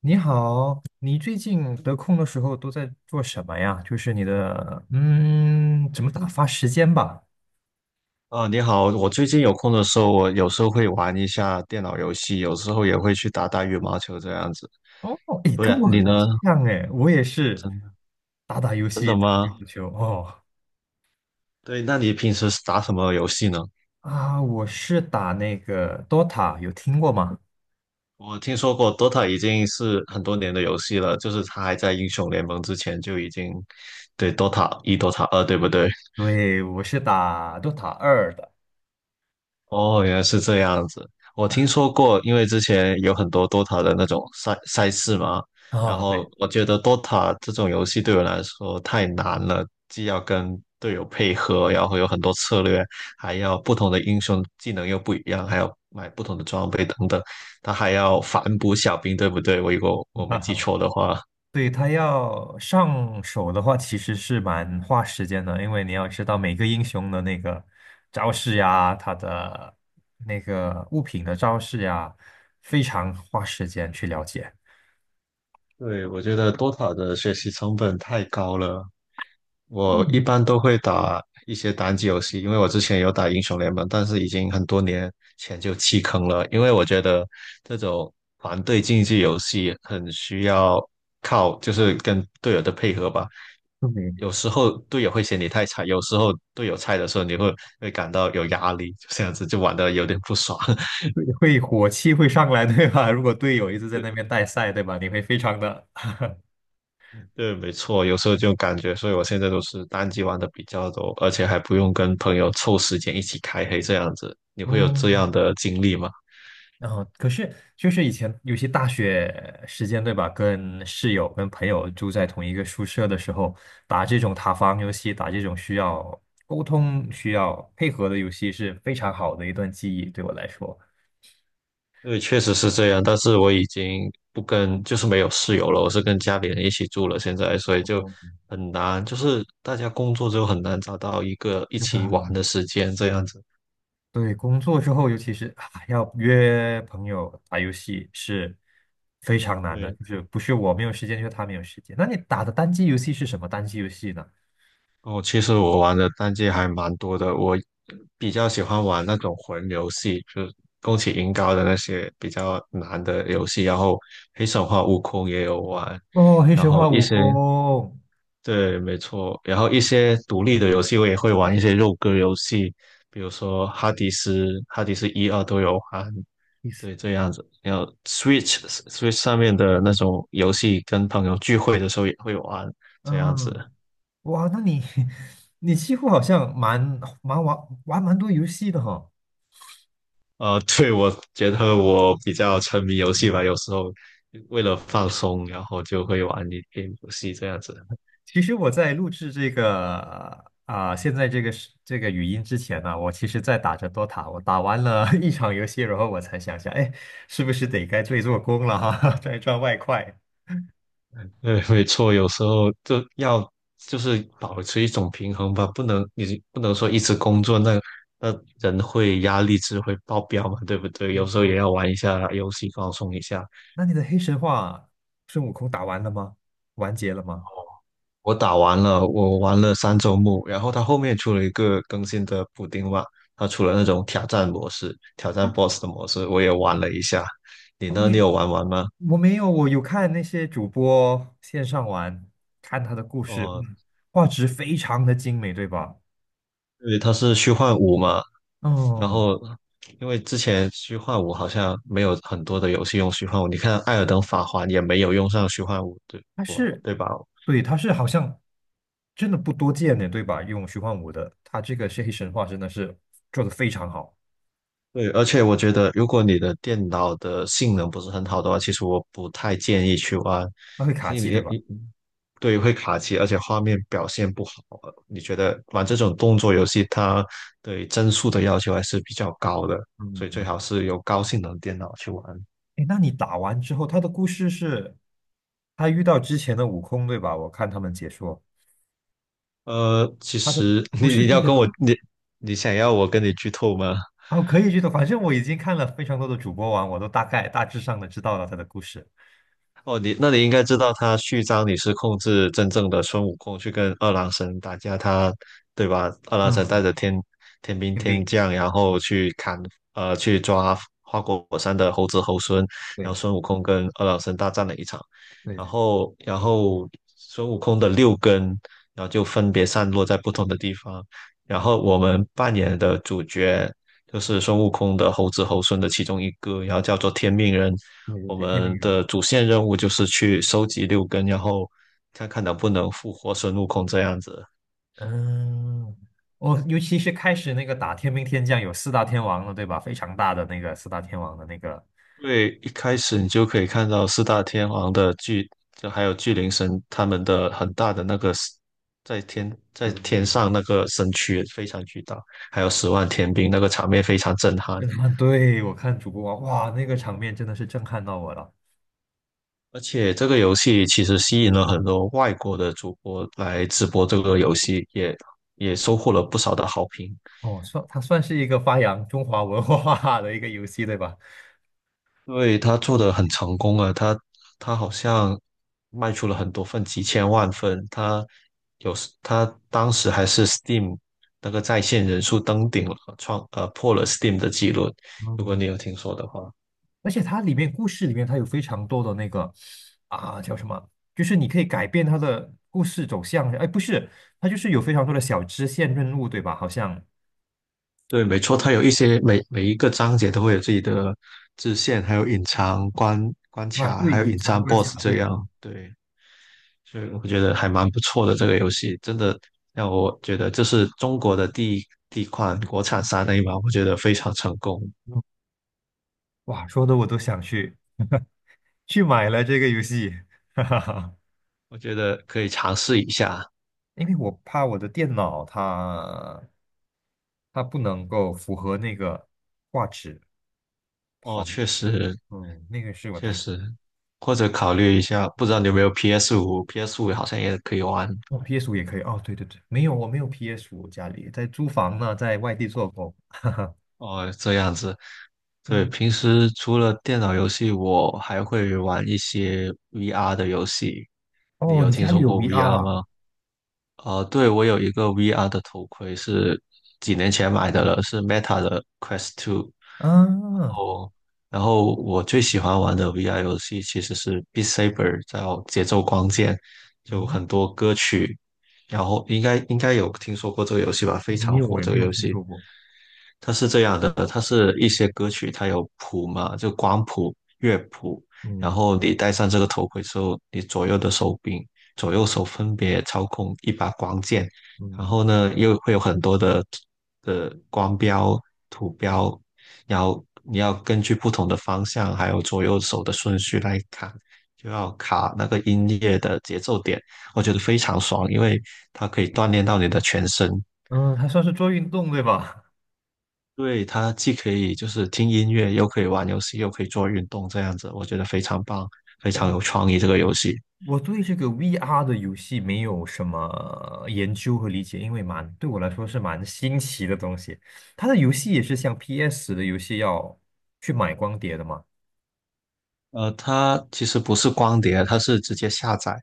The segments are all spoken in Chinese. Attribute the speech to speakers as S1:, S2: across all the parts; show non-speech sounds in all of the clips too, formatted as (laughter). S1: 你好，你最近得空的时候都在做什么呀？就是你的，怎么打发时间吧？
S2: 啊，你好！我最近有空的时候，我有时候会玩一下电脑游戏，有时候也会去打打羽毛球这样子。
S1: 哦，哎，
S2: 不
S1: 跟
S2: 然
S1: 我
S2: 你
S1: 很
S2: 呢？
S1: 像哎，我也是
S2: 真
S1: 打打游戏，打打羽球。哦，
S2: 对，那你平时是打什么游戏呢？
S1: 啊，我是打那个 Dota，有听过吗？
S2: 我听说过 Dota 已经是很多年的游戏了，就是它还在英雄联盟之前就已经，对 Dota 一、Dota 二，对不对？
S1: 对，我是打 Dota 2的。
S2: 哦，原来是这样子。我听说过，因为之前有很多 DOTA 的那种赛事嘛，然
S1: 哦，对。
S2: 后我觉得 DOTA 这种游戏对我来说太难了，既要跟队友配合，然后有很多策略，还要不同的英雄技能又不一样，还要买不同的装备等等，他还要反补小兵，对不对？我如果我没记错的话，
S1: 对，他要上手的话，其实是蛮花时间的，因为你要知道每个英雄的那个招式呀，他的那个物品的招式呀，非常花时间去了解。
S2: 对，我觉得 DOTA 的学习成本太高了。我一
S1: 嗯，
S2: 般都会打一些单机游戏，因为我之前有打英雄联盟，但是已经很多年前就弃坑了，因为我觉得这种团队竞技游戏很需要靠就是跟队友的配合吧。
S1: 对，
S2: 有时候队友会嫌你太菜，有时候队友菜的时候，你会感到有压力，就这样子就玩的有点不爽。(laughs)
S1: 会火气会上来，对吧？(laughs) 如果队友一直在那边带赛，对吧？你会非常的，
S2: 对，没错，有时候就感觉，所以我现在都是单机玩的比较多，而且还不用跟朋友凑时间一起开黑这样子。你会有这样
S1: 嗯。
S2: 的经历吗？
S1: 然后，可是就是以前有些大学时间，对吧？跟室友、跟朋友住在同一个宿舍的时候，打这种塔防游戏，打这种需要沟通、需要配合的游戏，是非常好的一段记忆，对我来说。
S2: 对，确实是这样，但是我已经不跟，就是没有室友了，我是跟家里人一起住了现在，所以就
S1: 嗯，
S2: 很难，就是大家工作之后很难找到一个一
S1: 是的，
S2: 起玩的时间这样子。
S1: 对，工作之后，尤其是啊要约朋友打游戏是非常难的，
S2: 对，
S1: 就是不是我没有时间，就是他没有时间。那你打的单机游戏是什么单机游戏呢？
S2: 哦，其实我玩的单机还蛮多的，我比较喜欢玩那种魂游戏，就是宫崎银高的那些比较难的游戏，然后黑神话、悟空也有玩，
S1: 哦，黑
S2: 然
S1: 神
S2: 后
S1: 话
S2: 一
S1: 悟
S2: 些，
S1: 空。
S2: 对，没错，然后一些独立的游戏我也会玩一些肉鸽游戏，比如说哈迪斯、哈迪斯一二都有玩，
S1: 意思，
S2: 对，这样子。然后 Switch 上面的那种游戏，跟朋友聚会的时候也会玩，这样
S1: 嗯。
S2: 子。
S1: 哇，那你 (laughs) 你几乎好像玩蛮多游戏的哈。
S2: (laughs) 对，我觉得我比较沉迷游戏吧，有时候为了放松，然后就会玩一点游戏这样子。
S1: 其实我在录制这个啊、现在这个是这个语音之前呢、我其实在打着 DOTA，我打完了 (laughs) 一场游戏，然后我才想想，哎，是不是得该做一做工了哈、(laughs) 赚一赚外快。
S2: 对，没错，有时候就要就是保持一种平衡吧，不能你不能说一直工作，那人会压力值会爆表嘛，对不对？有
S1: 嗯
S2: 时候也
S1: 哦，
S2: 要玩一下游戏放松一下。
S1: 那你的黑神话孙悟空打完了吗？完结了吗？
S2: 我打完了，我玩了三周目，然后它后面出了一个更新的补丁嘛，它出了那种挑战模式、挑战 BOSS 的模式，我也玩了一下。你
S1: 然后
S2: 呢？你
S1: 你
S2: 有玩完吗？
S1: 我没有，我有看那些主播线上玩，看他的故事，
S2: 哦，
S1: 画质非常的精美，对吧？
S2: 对，它是虚幻五嘛，然
S1: 哦，
S2: 后因为之前虚幻五好像没有很多的游戏用虚幻五，你看《艾尔登法环》也没有用上虚幻五，对
S1: 他
S2: 不？
S1: 是，
S2: 对吧？
S1: 对，他是好像真的不多见的，对吧？用虚幻五的，他这个是黑神话真的是做的非常好，
S2: 对，而且我觉得，如果你的电脑的性能不是很好的话，其实我不太建议去玩。
S1: 他会卡
S2: 因
S1: 机，对
S2: 为
S1: 吧？
S2: 你，你对，会卡机，而且画面表现不好。你觉得玩这种动作游戏，它对帧数的要求还是比较高的，所以最
S1: 嗯，
S2: 好是有高性能电脑去玩。
S1: 哎，那你打完之后，他的故事是他遇到之前的悟空，对吧？我看他们解说，
S2: 其
S1: 他的
S2: 实 (laughs)
S1: 不
S2: 你
S1: 是
S2: 你
S1: 之前
S2: 要跟
S1: 的
S2: 我
S1: 悟空。
S2: 你你想要我跟你剧透吗？
S1: 哦，可以剧透，反正我已经看了非常多的主播网，我都大概大致上的知道了他的故事。
S2: 哦，你那你应该知道他序章你是控制真正的孙悟空去跟二郎神打架，他对吧？二郎神带
S1: 嗯，
S2: 着天天兵
S1: 天
S2: 天
S1: 兵，
S2: 将，然后
S1: 嗯，
S2: 去砍去抓花果山的猴子猴孙，然后
S1: 对
S2: 孙悟空跟二郎神大战了一场，
S1: 对
S2: 然
S1: 对
S2: 后然后孙悟空的六根，然后就分别散落在不同的地方，然后我们扮演的主角。就是孙悟空的猴子猴孙的其中一个，然后叫做天命人，
S1: 对对
S2: 我
S1: 对，天兵
S2: 们
S1: 人，
S2: 的主线任务就是去收集六根，然后看看能不能复活孙悟空这样子。
S1: 嗯，哦，尤其是开始那个打天兵天将有四大天王了，对吧？非常大的那个四大天王的那个，
S2: 因为一开始你就可以看到四大天王的巨，就还有巨灵神他们的很大的那个 在天在天
S1: 对，
S2: 上那个身躯非常巨大，还有10万天兵那个场面非常震撼。
S1: 跟他们对我看主播网，哇，那个场面真的是震撼到我了。
S2: 而且这个游戏其实吸引了很多外国的主播来直播这个游戏，也收获了不少的好评。
S1: 哦，算它算是一个发扬中华文化的一个游戏，对吧？
S2: 对，他做的很成功啊，他他好像卖出了很多份，几千万份。他有时他当时还是 Steam 那个在线人数登顶了，创破了 Steam 的记录。如果
S1: 嗯，
S2: 你有听说的话，
S1: 而且它里面故事里面它有非常多的那个啊叫什么，就是你可以改变它的故事走向。哎，不是，它就是有非常多的小支线任务，对吧？好像
S2: 对，没错，他有一些每一个章节都会有自己的支线，还有隐藏关关
S1: 啊，
S2: 卡，
S1: 对，
S2: 还有
S1: 隐
S2: 隐
S1: 藏
S2: 藏
S1: 关
S2: BOSS
S1: 卡，
S2: 这
S1: 对对，
S2: 样。对，所以我觉得还蛮不错的这个游戏，真的让我觉得这是中国的第一款国产三 A 嘛，我觉得非常成功，
S1: 嗯哇，说的我都想去买了这个游戏。(laughs) 哈哈哈，
S2: 我觉得可以尝试一下。
S1: 因为我怕我的电脑它不能够符合那个画质
S2: 哦，
S1: 跑，
S2: 确实
S1: 那个是我
S2: 确
S1: 担
S2: 实，
S1: 心。
S2: 或者考虑一下，不知道你有没有 PS 五？PS 五好像也可以玩
S1: 哦， p s 五也可以哦，对对对，没有，我没有 p s 五，家里在租房呢，在外地做工。
S2: 哦，这样子。对，
S1: 嗯，
S2: 平时除了电脑游戏，我还会玩一些 VR 的游戏。你
S1: 哦，
S2: 有
S1: 你
S2: 听
S1: 家里
S2: 说
S1: 有
S2: 过
S1: VR
S2: VR
S1: 啊？
S2: 吗？对，我有一个 VR 的头盔，是几年前买的了，是 Meta 的 Quest t 2。
S1: 啊，
S2: 哦，然后我最喜欢玩的 VR 游戏其实是《Beat Saber》，叫节奏光剑，就很
S1: 嗯，
S2: 多歌曲，然后应该有听说过这个游戏吧？非
S1: 没
S2: 常
S1: 有
S2: 火
S1: 诶，
S2: 这
S1: 没
S2: 个
S1: 有
S2: 游
S1: 听
S2: 戏，
S1: 说过。
S2: 它是这样的，它是一些歌曲，它有谱嘛，就光谱、乐谱，然
S1: 嗯
S2: 后你戴上这个头盔之后，你左右的手柄、左右手分别操控一把光剑，然
S1: 嗯
S2: 后呢，又会有很多的光标、图标，然后你要根据不同的方向，还有左右手的顺序来看，就要卡那个音乐的节奏点，我觉得非常爽，因为它可以锻炼到你的全身。
S1: 嗯，还算是做运动对吧？
S2: 对，它既可以就是听音乐，又可以玩游戏，又可以做运动，这样子，我觉得非常棒，非
S1: (laughs)
S2: 常
S1: 嗯
S2: 有创意这个游戏。
S1: 我对这个 VR 的游戏没有什么研究和理解，因为蛮对我来说是蛮新奇的东西。它的游戏也是像 PS 的游戏要去买光碟的嘛？
S2: 它其实不是光碟，它是直接下载。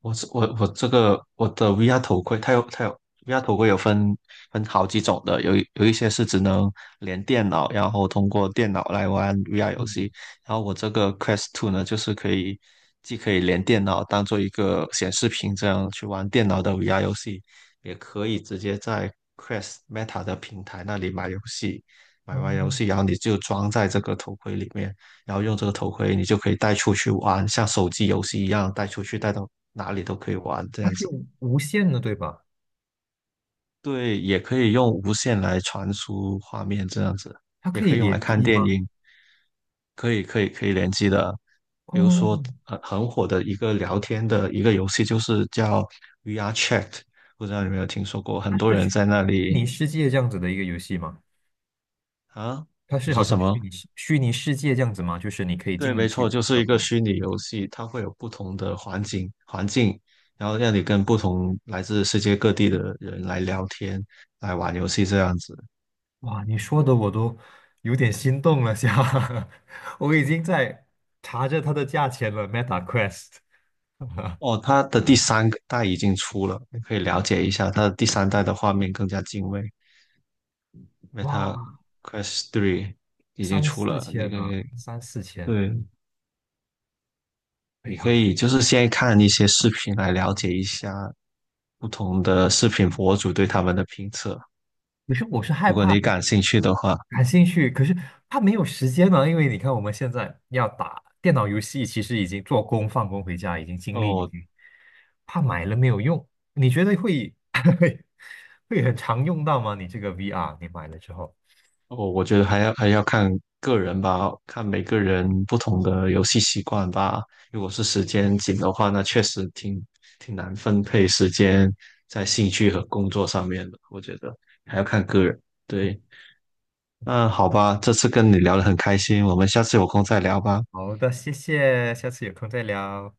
S2: 我是我我这个我的 VR 头盔，它有 VR 头盔有分好几种的，有一些是只能连电脑，然后通过电脑来玩 VR 游
S1: 嗯，
S2: 戏。然后我这个 Quest two 呢，就是可以既可以连电脑当做一个显示屏这样去玩电脑的 VR 游戏，也可以直接在 Quest Meta 的平台那里买游戏，买完游
S1: 嗯，
S2: 戏然后你就装在这个头盔里面。然后用这个头盔，你就可以带出去玩，像手机游戏一样带出去，带到哪里都可以玩这
S1: 它
S2: 样
S1: 是
S2: 子。
S1: 有无线的对吧？
S2: 对，也可以用无线来传输画面这样子，
S1: 它
S2: 也
S1: 可以
S2: 可以用来
S1: 联
S2: 看
S1: 机
S2: 电
S1: 吗？
S2: 影，可以联机的。比如
S1: 哦，
S2: 说很火的一个聊天的一个游戏，就是叫 VR Chat，不知道你有没有听说过？很
S1: 它
S2: 多
S1: 是
S2: 人
S1: 虚
S2: 在那里
S1: 拟世界这样子的一个游戏吗？
S2: 啊，
S1: 它
S2: 你
S1: 是
S2: 说
S1: 好
S2: 什
S1: 像
S2: 么？
S1: 虚拟世界这样子吗？就是你可以
S2: 对，
S1: 进
S2: 没错，
S1: 去，
S2: 就是
S1: 然
S2: 一
S1: 后
S2: 个虚拟游戏，它会有不同的环境，然后让你跟不同来自世界各地的人来聊天，来玩游戏这样子。
S1: 哇，你说的我都有点心动了，下，(laughs) 我已经在查着它的价钱了，Meta Quest，
S2: 哦，它的第三个代已经出了，你可以了解一下。它的第三代的画面更加精畏因为
S1: 哇，
S2: 它 Quest 3已经
S1: 三
S2: 出
S1: 四
S2: 了，你
S1: 千
S2: 可
S1: 啊，
S2: 以，
S1: 三四千，
S2: 对，
S1: 哎
S2: 你可
S1: 呀，
S2: 以就是先看一些视频来了解一下不同的视频博主对他们的评测，
S1: 不是我是害
S2: 如果
S1: 怕。
S2: 你感兴趣的话。
S1: 感兴趣，可是他没有时间呢，因为你看我们现在要打电脑游戏，其实已经做工放工回家，已经精力已
S2: 哦，
S1: 经，怕买了没有用。你觉得会 (laughs) 会很常用到吗？你这个 VR，你买了之后。
S2: 哦，我觉得还要看个人吧，看每个人不同的游戏习惯吧。如果是时间紧的话，那确实挺难分配时间在兴趣和工作上面的。我觉得还要看个人。对，那好吧，这次跟你聊得很开心，我们下次有空再聊吧。
S1: 好的，谢谢，下次有空再聊。